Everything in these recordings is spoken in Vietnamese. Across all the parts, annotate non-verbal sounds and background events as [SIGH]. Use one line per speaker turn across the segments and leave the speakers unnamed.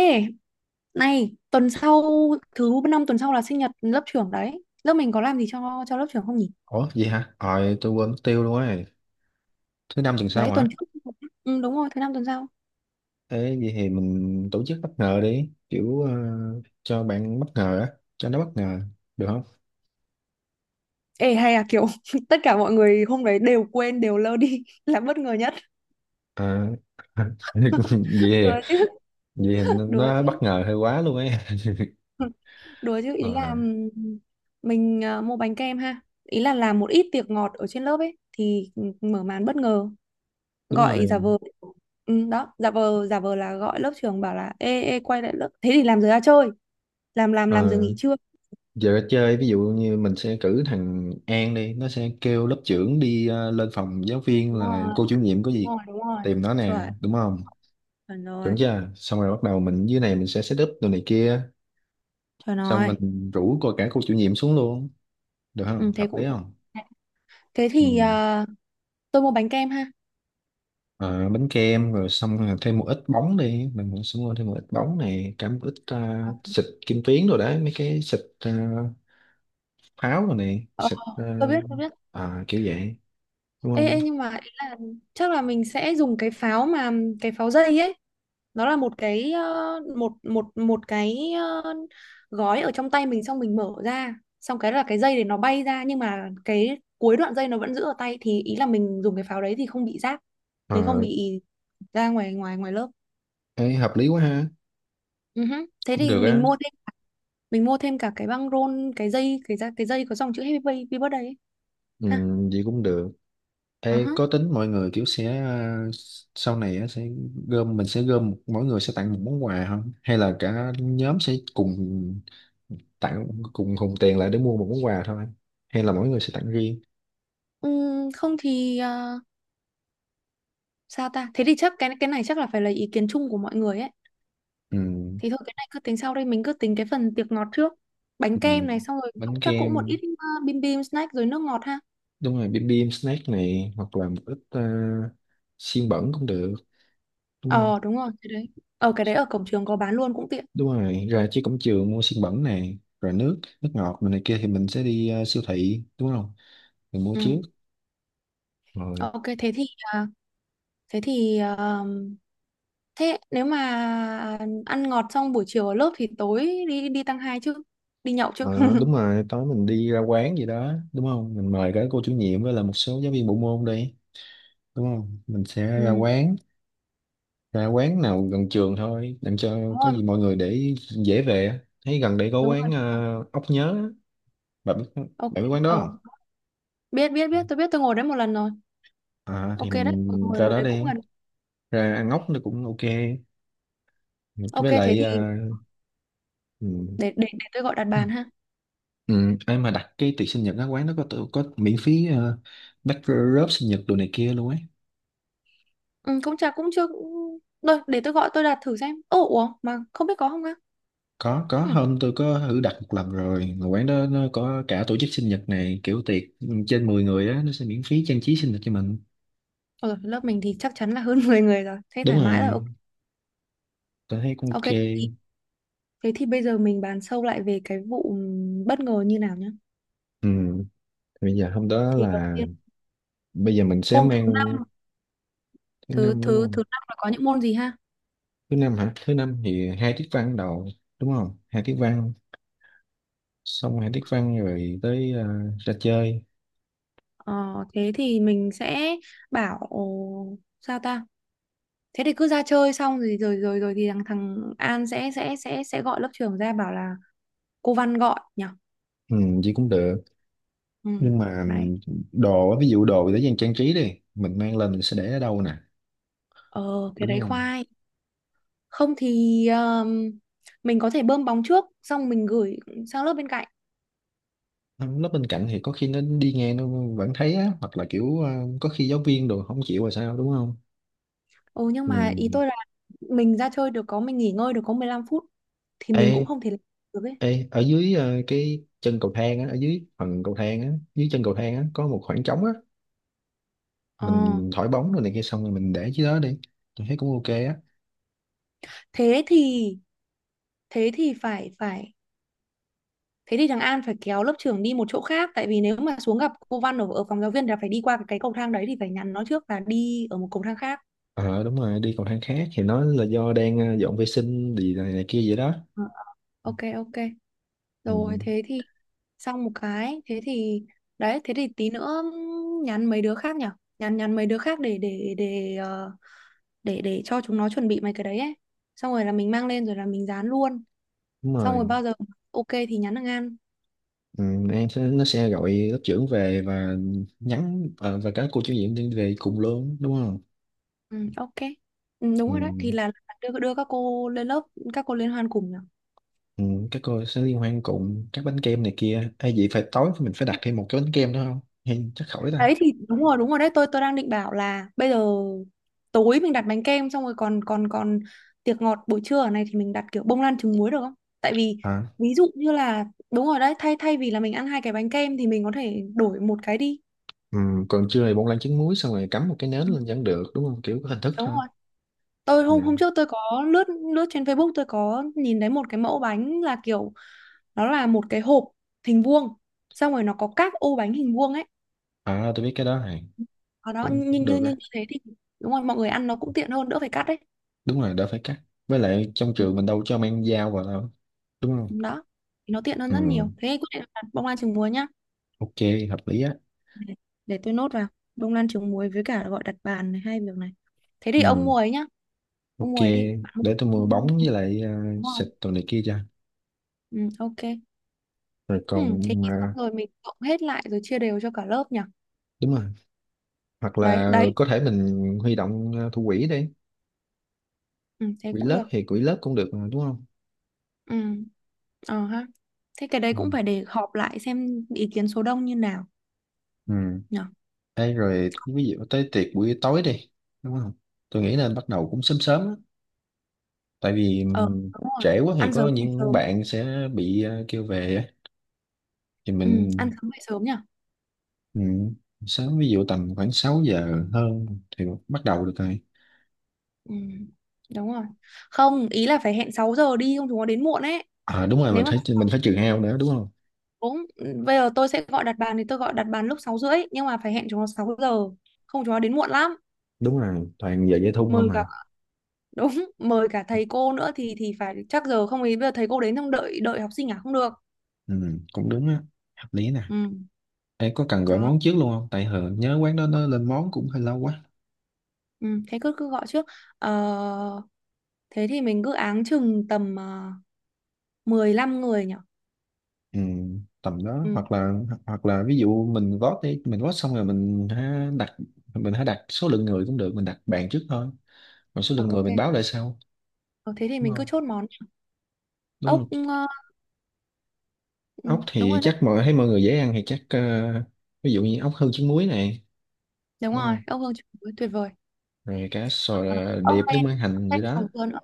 Ê, này, tuần sau thứ năm tuần sau là sinh nhật lớp trưởng đấy. Lớp mình có làm gì cho lớp trưởng không nhỉ?
Ủa vậy hả? Ờ tôi quên mất tiêu luôn ấy. Thứ năm tuần sau
Đấy,
hả?
tuần trước. Ừ, đúng rồi, thứ năm tuần sau.
Ê vậy thì mình tổ chức bất ngờ đi, cho bạn bất ngờ á, cho nó bất ngờ được không?
Ê, hay là kiểu [LAUGHS] tất cả mọi người hôm đấy đều quên, đều lơ đi [LAUGHS] là bất ngờ nhất.
À, [LAUGHS] vậy
[LAUGHS]
thì-
Đùa chứ,
vậy thì
đùa
nó
chứ.
bất ngờ hơi quá luôn ấy.
[LAUGHS] Đùa chứ ý là
Ờ,
mình mua bánh kem ha. Ý là làm một ít tiệc ngọt ở trên lớp ấy thì mở màn bất ngờ,
đúng
gọi giả
rồi.
vờ. Ừ, đó, giả vờ là gọi lớp trưởng bảo là ê ê quay lại lớp. Thế thì làm giờ ra chơi. Làm
Ờ,
giờ nghỉ trưa.
giờ chơi ví dụ như mình sẽ cử thằng An đi, nó sẽ kêu lớp trưởng đi lên phòng giáo viên
Đúng
là
rồi,
cô chủ nhiệm có
đúng
việc
rồi, đúng rồi.
tìm nó nè,
Chuẩn,
đúng không?
chuẩn
Chuẩn
rồi,
chưa? Xong rồi bắt đầu mình dưới này mình sẽ set up đồ này kia,
chuẩn
xong
rồi.
mình rủ coi cả cô chủ nhiệm xuống luôn, được
Ừ,
không,
thế
hợp lý
cũng được.
không?
Thế thì
Ừ.
à, tôi mua bánh kem ha.
Ờ, bánh kem rồi xong rồi thêm một ít bóng đi, mình cũng sẽ mua thêm một ít bóng này, cả một ít xịt kim tuyến rồi đấy mấy cái xịt pháo rồi này,
Ờ,
xịt
tôi biết.
kiểu vậy, đúng
Ê,
không?
ê nhưng mà ý là chắc là mình sẽ dùng cái pháo mà, cái pháo dây ấy. Nó là một cái một một một cái gói ở trong tay mình xong mình mở ra, xong cái là cái dây để nó bay ra nhưng mà cái cuối đoạn dây nó vẫn giữ ở tay, thì ý là mình dùng cái pháo đấy thì không bị rác,
Ờ,
mình không bị ra ngoài ngoài ngoài lớp.
ấy hợp lý quá ha.
Ừ hứ. Thế
Cũng
thì
được
mình
á.
mua thêm, mình mua thêm cả cái băng rôn, cái dây, cái da, cái dây có dòng chữ Happy Birthday ấy.
Ừ,
Ha.
vậy cũng được.
Ờ
Ê,
hả.
có tính mọi người kiểu sẽ sau này á, sẽ gom, mình sẽ gom mỗi người sẽ tặng một món quà không, hay là cả nhóm sẽ cùng tặng, cùng hùn tiền lại để mua một món quà thôi, hay là mỗi người sẽ tặng riêng?
Không thì sao ta, thế thì chắc cái này chắc là phải là ý kiến chung của mọi người ấy,
Ừ,
thì thôi cái này cứ tính sau, đây mình cứ tính cái phần tiệc ngọt trước.
ừ.
Bánh kem này xong rồi
Bánh
cũng- chắc cũng một
kem,
ít bim bim snack rồi nước ngọt ha.
đúng rồi, bim bim snack này, hoặc là một ít xiên bẩn cũng được, đúng không?
Ờ đúng rồi cái đấy, ở cái đấy ở cổng trường có bán luôn cũng tiện.
Đúng rồi, ra trước cổng trường mua xiên bẩn này rồi nước nước ngọt này kia thì mình sẽ đi siêu thị, đúng không? Mình mua
Ừ,
trước rồi.
ok thế thì ờ, thế thì thế nếu mà ăn ngọt xong buổi chiều ở lớp thì tối đi đi tăng hai chứ, đi nhậu chứ.
Ờ, đúng
[LAUGHS]
rồi, tối mình đi ra quán gì đó, đúng không? Mình mời cả cô chủ nhiệm với là một số giáo viên bộ môn đi, đúng không? Mình sẽ ra
Ừ,
quán, ra quán nào gần trường thôi làm cho
đúng
có
rồi,
gì mọi người để dễ về á. Thấy gần đây có
đúng
quán
rồi.
ốc nhớ á. bạn biết
Ok,
bạn biết quán
ờ,
đó
biết biết biết,
không?
tôi biết, tôi ngồi đấy một lần rồi.
À, thì
Ok đấy,
mình
ngồi
ra
một
đó
đấy cũng
đi,
gần.
ra ăn ốc nó cũng ok.
Ok
Với
thế
lại
thì
ừ.
để tôi gọi đặt bàn ha.
Ừ, ai mà đặt cái tiệc sinh nhật á, quán nó có có miễn phí bát sinh nhật đồ này kia luôn ấy.
Ừ, cũng chả cũng chưa cũng... Rồi, để tôi gọi tôi đặt thử xem. Ồ, ủa mà không biết có không á?
Có
Ừ.
hôm tôi có thử đặt một lần rồi, mà quán đó nó có cả tổ chức sinh nhật này, kiểu tiệc trên 10 người á nó sẽ miễn phí trang trí sinh nhật cho mình.
Rồi, lớp mình thì chắc chắn là hơn [LAUGHS] 10 người rồi, thế
Đúng
thoải mái rồi.
rồi,
Ok.
tôi thấy cũng
Ok,
ok.
thì, thế thì bây giờ mình bàn sâu lại về cái vụ bất ngờ như nào nhá.
Ừ, bây giờ hôm đó
Thì đầu
là,
tiên
bây giờ mình sẽ
hôm thứ
mang,
năm,
thứ
thứ
năm đúng
thứ
không?
thứ năm là có những môn gì ha.
Thứ năm hả? Thứ năm thì hai tiết văn đầu đúng không? Hai tiết văn, xong hai tiết văn rồi tới ra chơi.
Ờ, thế thì mình sẽ bảo, sao ta, thế thì cứ ra chơi xong rồi rồi rồi rồi thì thằng thằng An sẽ gọi lớp trưởng ra bảo là cô Văn gọi nhỉ.
Ừ, vậy cũng được.
Ừ,
Nhưng mà
đấy.
đồ á, ví dụ đồ để dành trang trí đi, mình mang lên mình sẽ để ở đâu nè,
Ờ thế
đúng
đấy
không?
khoai, không thì mình có thể bơm bóng trước xong mình gửi sang lớp bên cạnh.
Nó bên cạnh thì có khi nó đi nghe nó vẫn thấy á, hoặc là có khi giáo viên đồ không chịu rồi sao đúng không?
Ồ nhưng mà ý
mình
tôi là mình ra chơi được có, mình nghỉ ngơi được có 15 phút thì mình cũng
ê
không thể làm được ấy.
ê Ở dưới cái chân cầu thang á, ở dưới phần cầu thang á, dưới chân cầu thang á có một khoảng trống á,
Ờ
mình thổi bóng rồi này kia xong rồi mình để dưới đó đi. Tôi thấy cũng ok á.
thế thì, thế thì phải phải thế thì thằng An phải kéo lớp trưởng đi một chỗ khác, tại vì nếu mà xuống gặp cô Văn ở, ở phòng giáo viên là phải đi qua cái cầu thang đấy, thì phải nhắn nó trước là đi ở một cầu thang khác.
Ờ, đúng rồi, đi cầu thang khác thì nó là do đang dọn vệ sinh gì này, này kia vậy đó.
Ờ, ok ok.
Ừ,
Rồi thế thì xong một cái, thế thì đấy, thế thì tí nữa nhắn mấy đứa khác nhỉ? Nhắn nhắn mấy đứa khác để để cho chúng nó chuẩn bị mấy cái đấy ấy. Xong rồi là mình mang lên rồi là mình dán luôn.
đúng
Xong rồi
rồi.
bao giờ ok thì nhắn thằng An.
Ừ, em sẽ nó sẽ gọi lớp trưởng về và nhắn và các cô chủ nhiệm đi về cùng luôn, đúng không?
Ừ, ok. Ừ, đúng
Ừ,
rồi đấy, thì là đưa đưa các cô lên lớp, các cô liên hoan cùng nhỉ?
ừ, các cô sẽ liên hoan cùng, các bánh kem này kia hay vậy phải tối mình phải đặt thêm một cái bánh kem nữa không hay chắc khỏi ta?
Đấy thì đúng rồi đấy, tôi đang định bảo là bây giờ tối mình đặt bánh kem xong rồi còn còn còn tiệc ngọt buổi trưa ở này thì mình đặt kiểu bông lan trứng muối được không? Tại vì
À,
ví dụ như là đúng rồi đấy, thay thay vì là mình ăn hai cái bánh kem thì mình có thể đổi một cái đi.
ừ, còn trưa thì bông lan trứng muối xong rồi cắm một cái nến
Ừ,
lên vẫn được đúng không, kiểu có hình thức
đúng
thôi.
rồi. Tôi hôm hôm
Ừ.
trước tôi có lướt lướt trên Facebook, tôi có nhìn thấy một cái mẫu bánh là kiểu nó là một cái hộp hình vuông, xong rồi nó có các ô bánh hình vuông ấy.
À, tôi biết cái đó này.
Ở đó
Cũng,
như
cũng
như như
được
như
á.
thế thì đúng rồi, mọi người ăn nó cũng tiện hơn, đỡ phải cắt đấy.
Đúng rồi, đỡ phải cắt. Với lại trong trường mình đâu cho mang dao vào đâu, đúng không?
Đó thì nó tiện hơn
Ừ,
rất nhiều, thế quyết định là bông lan trứng muối nhá.
ok, hợp lý á.
để, để tôi nốt vào bông lan trứng muối với cả gọi đặt bàn, này hai việc này. Thế thì ông
Ừ,
mua ấy nhá, ông
ok,
mua ấy đi bạn, không
để tôi mua bóng
không-
với
không
lại
mua rồi.
xịt đồ này kia cho.
Ừ, ok.
Rồi
Ừ,
còn
thế thì xong rồi mình cộng hết lại rồi chia đều cho cả lớp nhỉ.
đúng rồi, hoặc
Đấy
là
đấy,
có thể mình huy động thủ quỹ đi,
ừ, thế
quỹ
cũng
lớp
được.
thì quỹ lớp cũng được mà, đúng không?
Ừ, ờ ha, thế cái đấy
Ừ.
cũng phải để họp lại xem ý kiến số đông như nào
Ừ.
nhỉ.
Ê, rồi ví dụ tới tiệc buổi tối đi, đúng không? Tôi nghĩ nên bắt đầu cũng sớm sớm á, tại vì
Ờ đúng rồi,
trễ quá thì
ăn
có
sớm về
những
sớm.
bạn sẽ bị kêu về á. Thì
Ừ,
mình,
ăn sớm về sớm nhỉ.
ừ, sớm ví dụ tầm khoảng 6 giờ hơn thì bắt đầu được rồi.
Ừ, đúng rồi. Không, ý là phải hẹn 6 giờ đi không chúng nó đến muộn ấy.
À đúng rồi, mình
Nếu mà
phải mình phải trừ hao nữa đúng không?
6, bây giờ tôi sẽ gọi đặt bàn thì tôi gọi đặt bàn lúc 6 rưỡi nhưng mà phải hẹn chúng nó 6 giờ. Không chúng nó đến muộn lắm.
Đúng rồi, toàn giờ dây thun không
Mời cả
mà.
[LAUGHS] đúng, mời cả thầy cô nữa thì phải chắc giờ, không ý bây giờ thầy cô đến xong đợi đợi học sinh à, không được.
Ừ, cũng đúng á, hợp lý nè.
Ừ,
Ê, có cần gọi
đó.
món trước luôn không, tại hờ nhớ quán đó nó lên món cũng hơi lâu quá.
Ừ, thế cứ cứ gọi trước. Ờ, thế thì mình cứ áng chừng tầm 15 người nhỉ.
Ừ, tầm đó,
Ừ,
hoặc là, hoặc là ví dụ mình vote đi, mình vote xong rồi mình ha đặt, mình hãy đặt số lượng người cũng được, mình đặt bàn trước thôi còn số
ờ,
lượng người
ok.
mình báo lại sau,
Ờ, thế thì
đúng
mình cứ
không?
chốt món
Đúng
ốc
không?
ờ, ừ,
Ốc
đúng
thì
rồi đấy.
chắc mọi thấy mọi người dễ ăn thì chắc ví dụ như ốc hương trứng muối này
Đúng
đúng
rồi,
không,
ốc hương chuối tuyệt vời.
rồi cá sò
Ờ, ốc
điệp nước
len,
mắm hành
ốc
gì
len
đó.
6 giờ nữa.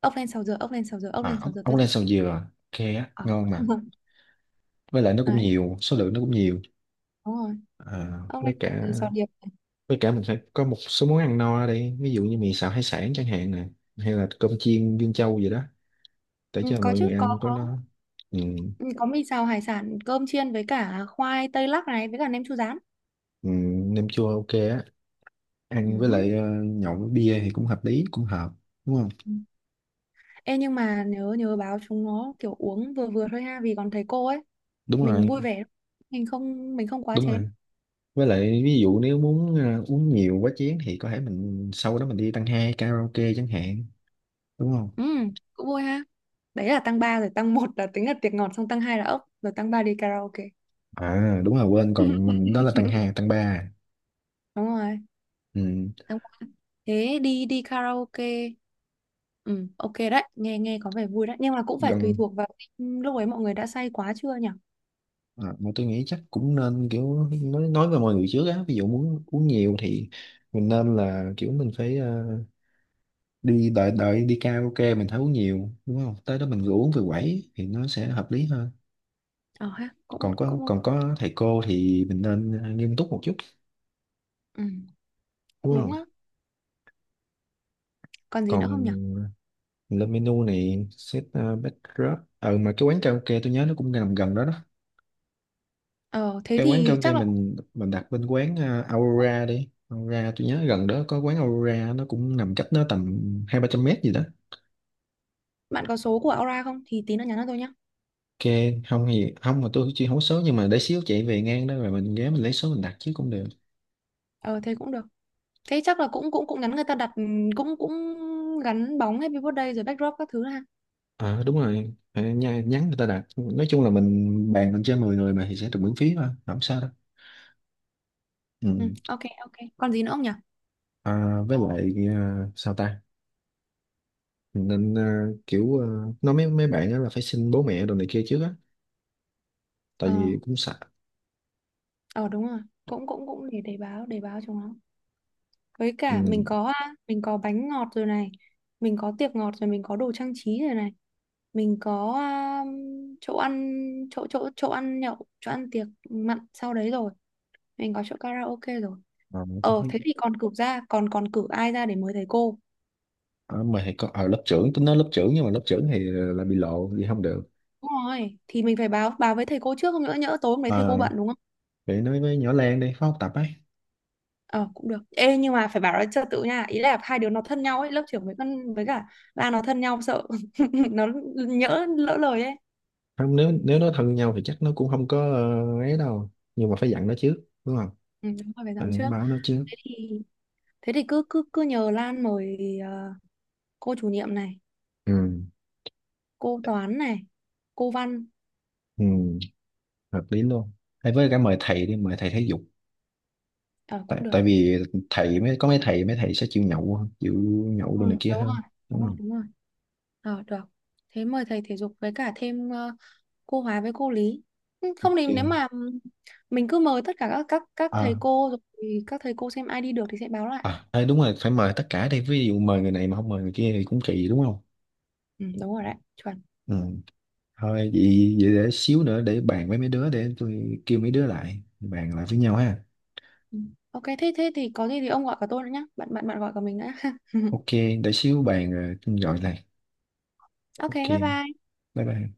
Ốc len 6 giờ, ốc len 6 giờ, ốc len
À
6
ốc
giờ
ốc
tôi
len
thích.
sầu dừa ok á,
Ờ.
ngon mà,
[LAUGHS]
với lại nó cũng
Đấy,
nhiều, số lượng nó cũng nhiều.
đúng rồi.
À,
Ốc len
với
sáu
cả
giờ, sò điệp.
với cả mình phải có một số món ăn no ở đây, ví dụ như mì xào hải sản chẳng hạn nè, hay là cơm chiên Dương Châu gì đó, để
Ừ,
cho
có
mọi
chứ,
người
có
ăn có
có
nó. Ừ,
ừ, có mì xào hải sản, cơm chiên với cả khoai tây lắc này với cả nem chua rán.
ừ, nem chua ok á,
Ừ
ăn với
hứ.
lại nhậu với bia thì cũng hợp lý, cũng hợp, đúng không?
Ừ. Ê nhưng mà nhớ nhớ báo chúng nó kiểu uống vừa vừa thôi ha vì còn thầy cô ấy,
Đúng
mình
rồi,
vui vẻ. Mình không, mình không quá
đúng
chén.
rồi, với lại ví dụ nếu muốn uống nhiều quá chén thì có thể mình sau đó mình đi tăng hai karaoke chẳng hạn, đúng không?
Ừ, cũng vui ha. Đấy là tăng 3 rồi, tăng một là tính là tiệc ngọt, xong tăng 2 là ốc, rồi tăng 3 đi karaoke.
À đúng rồi, quên, còn mình đó là tăng
[LAUGHS]
hai tăng ba.
Đúng rồi,
Ừ.
tháng qua, thế đi đi karaoke. Ừ ok đấy, nghe nghe có vẻ vui đấy nhưng mà cũng phải tùy
Gần.
thuộc vào lúc ấy mọi người đã say quá chưa nhỉ.
À, mà tôi nghĩ chắc cũng nên kiểu nói với mọi người trước á, ví dụ muốn uống nhiều thì mình nên là kiểu mình phải đi đợi đợi đi karaoke mình thấy uống nhiều, đúng không, tới đó mình rủ uống về quẩy thì nó sẽ hợp lý hơn.
Ờ ha, cũng
Còn có,
cũng
còn có thầy cô thì mình nên nghiêm túc một chút,
ừ, cũng
đúng
đúng
không?
á. Còn gì
Còn
nữa không nhỉ?
mình lên menu này, set backdrop. Ờ mà cái quán karaoke tôi nhớ nó cũng nằm gần đó đó,
Ờ thế
cái quán
thì
karaoke
chắc là
mình đặt bên quán Aurora đi, Aurora tôi nhớ gần đó có quán Aurora, nó cũng nằm cách nó tầm hai ba trăm mét gì đó.
bạn có số của Aura không thì tí nữa nhắn cho tôi nhá.
Ok. Không thì không, mà tôi chưa hố số, nhưng mà để xíu chạy về ngang đó rồi mình ghé mình lấy số mình đặt chứ cũng được.
Ờ thế cũng được, thế chắc là cũng cũng cũng nhắn người ta đặt, ừ, cũng cũng gắn bóng Happy Birthday rồi backdrop các thứ ha.
Ờ đúng rồi. Phải nhắn người ta đặt, nói chung là mình bàn lên trên 10 người mà thì sẽ được miễn phí mà, không sao đâu.
Ừ
Ừ.
ok ok. Còn gì nữa không nhỉ?
À, với lại à, sao ta mình nên nói mấy mấy bạn đó là phải xin bố mẹ đồ này kia trước á, tại
Ờ,
vì cũng sợ.
ờ đúng rồi, cũng cũng cũng để báo, báo cho nó. Với
Ừ.
cả mình có à, mình có bánh ngọt rồi này, mình có tiệc ngọt rồi, mình có đồ trang trí rồi này, mình có à, chỗ ăn, chỗ chỗ chỗ ăn nhậu, chỗ ăn tiệc mặn sau đấy rồi, mình có chỗ karaoke rồi.
Ờ, tôi
Ờ
thấy.
thế thì còn cử ra, còn còn cử ai ra để mời thầy cô?
Ờ, mà thì có ở lớp trưởng, tôi nói lớp trưởng, nhưng mà lớp trưởng thì là bị lộ thì không được.
Đúng rồi, thì mình phải báo báo với thầy cô trước, không nữa nhỡ tối hôm đấy thầy
Ờ,
cô bận đúng không?
vậy nói với nhỏ Lan đi, phó học tập ấy.
Ờ cũng được. Ê nhưng mà phải bảo nó trật tự nha, ý là hai đứa nó thân nhau ấy, lớp trưởng với con với cả ba nó thân nhau, sợ [LAUGHS] nó nhỡ lỡ lời ấy.
Không, nếu nếu nó thân nhau thì chắc nó cũng không có ấy đâu, nhưng mà phải dặn nó trước, đúng không?
Ừ, đúng rồi phải
Ờ,
dặn trước.
báo nó trước.
Thế thì, thế thì cứ cứ cứ nhờ Lan mời ờ, cô chủ nhiệm này,
Ừ.
cô toán này, cô văn.
Ừ, hợp lý luôn, hay với cả mời thầy đi, mời thầy thể dục.
Ờ
tại
cũng được.
tại vì thầy mới có, mấy thầy sẽ chịu nhậu hơn, chịu nhậu
Ừ,
đồ này kia
Đúng
hơn,
rồi,
đúng không?
đúng rồi. Ờ được. Thế mời thầy thể dục với cả thêm ờ, cô hóa với cô lý. Ừ, không thì nếu
Ok.
mà mình cứ mời tất cả các thầy
À
cô rồi thì các thầy cô xem ai đi được thì sẽ báo lại.
à ê, đúng rồi, phải mời tất cả đi, ví dụ mời người này mà không mời người kia thì cũng kỳ, đúng không?
Ừ, đúng rồi đấy, chuẩn.
Ừ. Thôi vậy, vậy để xíu nữa để bàn với mấy đứa, để tôi kêu mấy đứa lại bàn lại với nhau ha.
Ừ. Ok thế thế thì có gì thì ông gọi cả tôi nữa nhá. Bạn bạn bạn gọi cả mình nữa. [LAUGHS]
Ok, để xíu bàn rồi tôi gọi lại.
Ok,
Ok,
bye bye.
bye bye.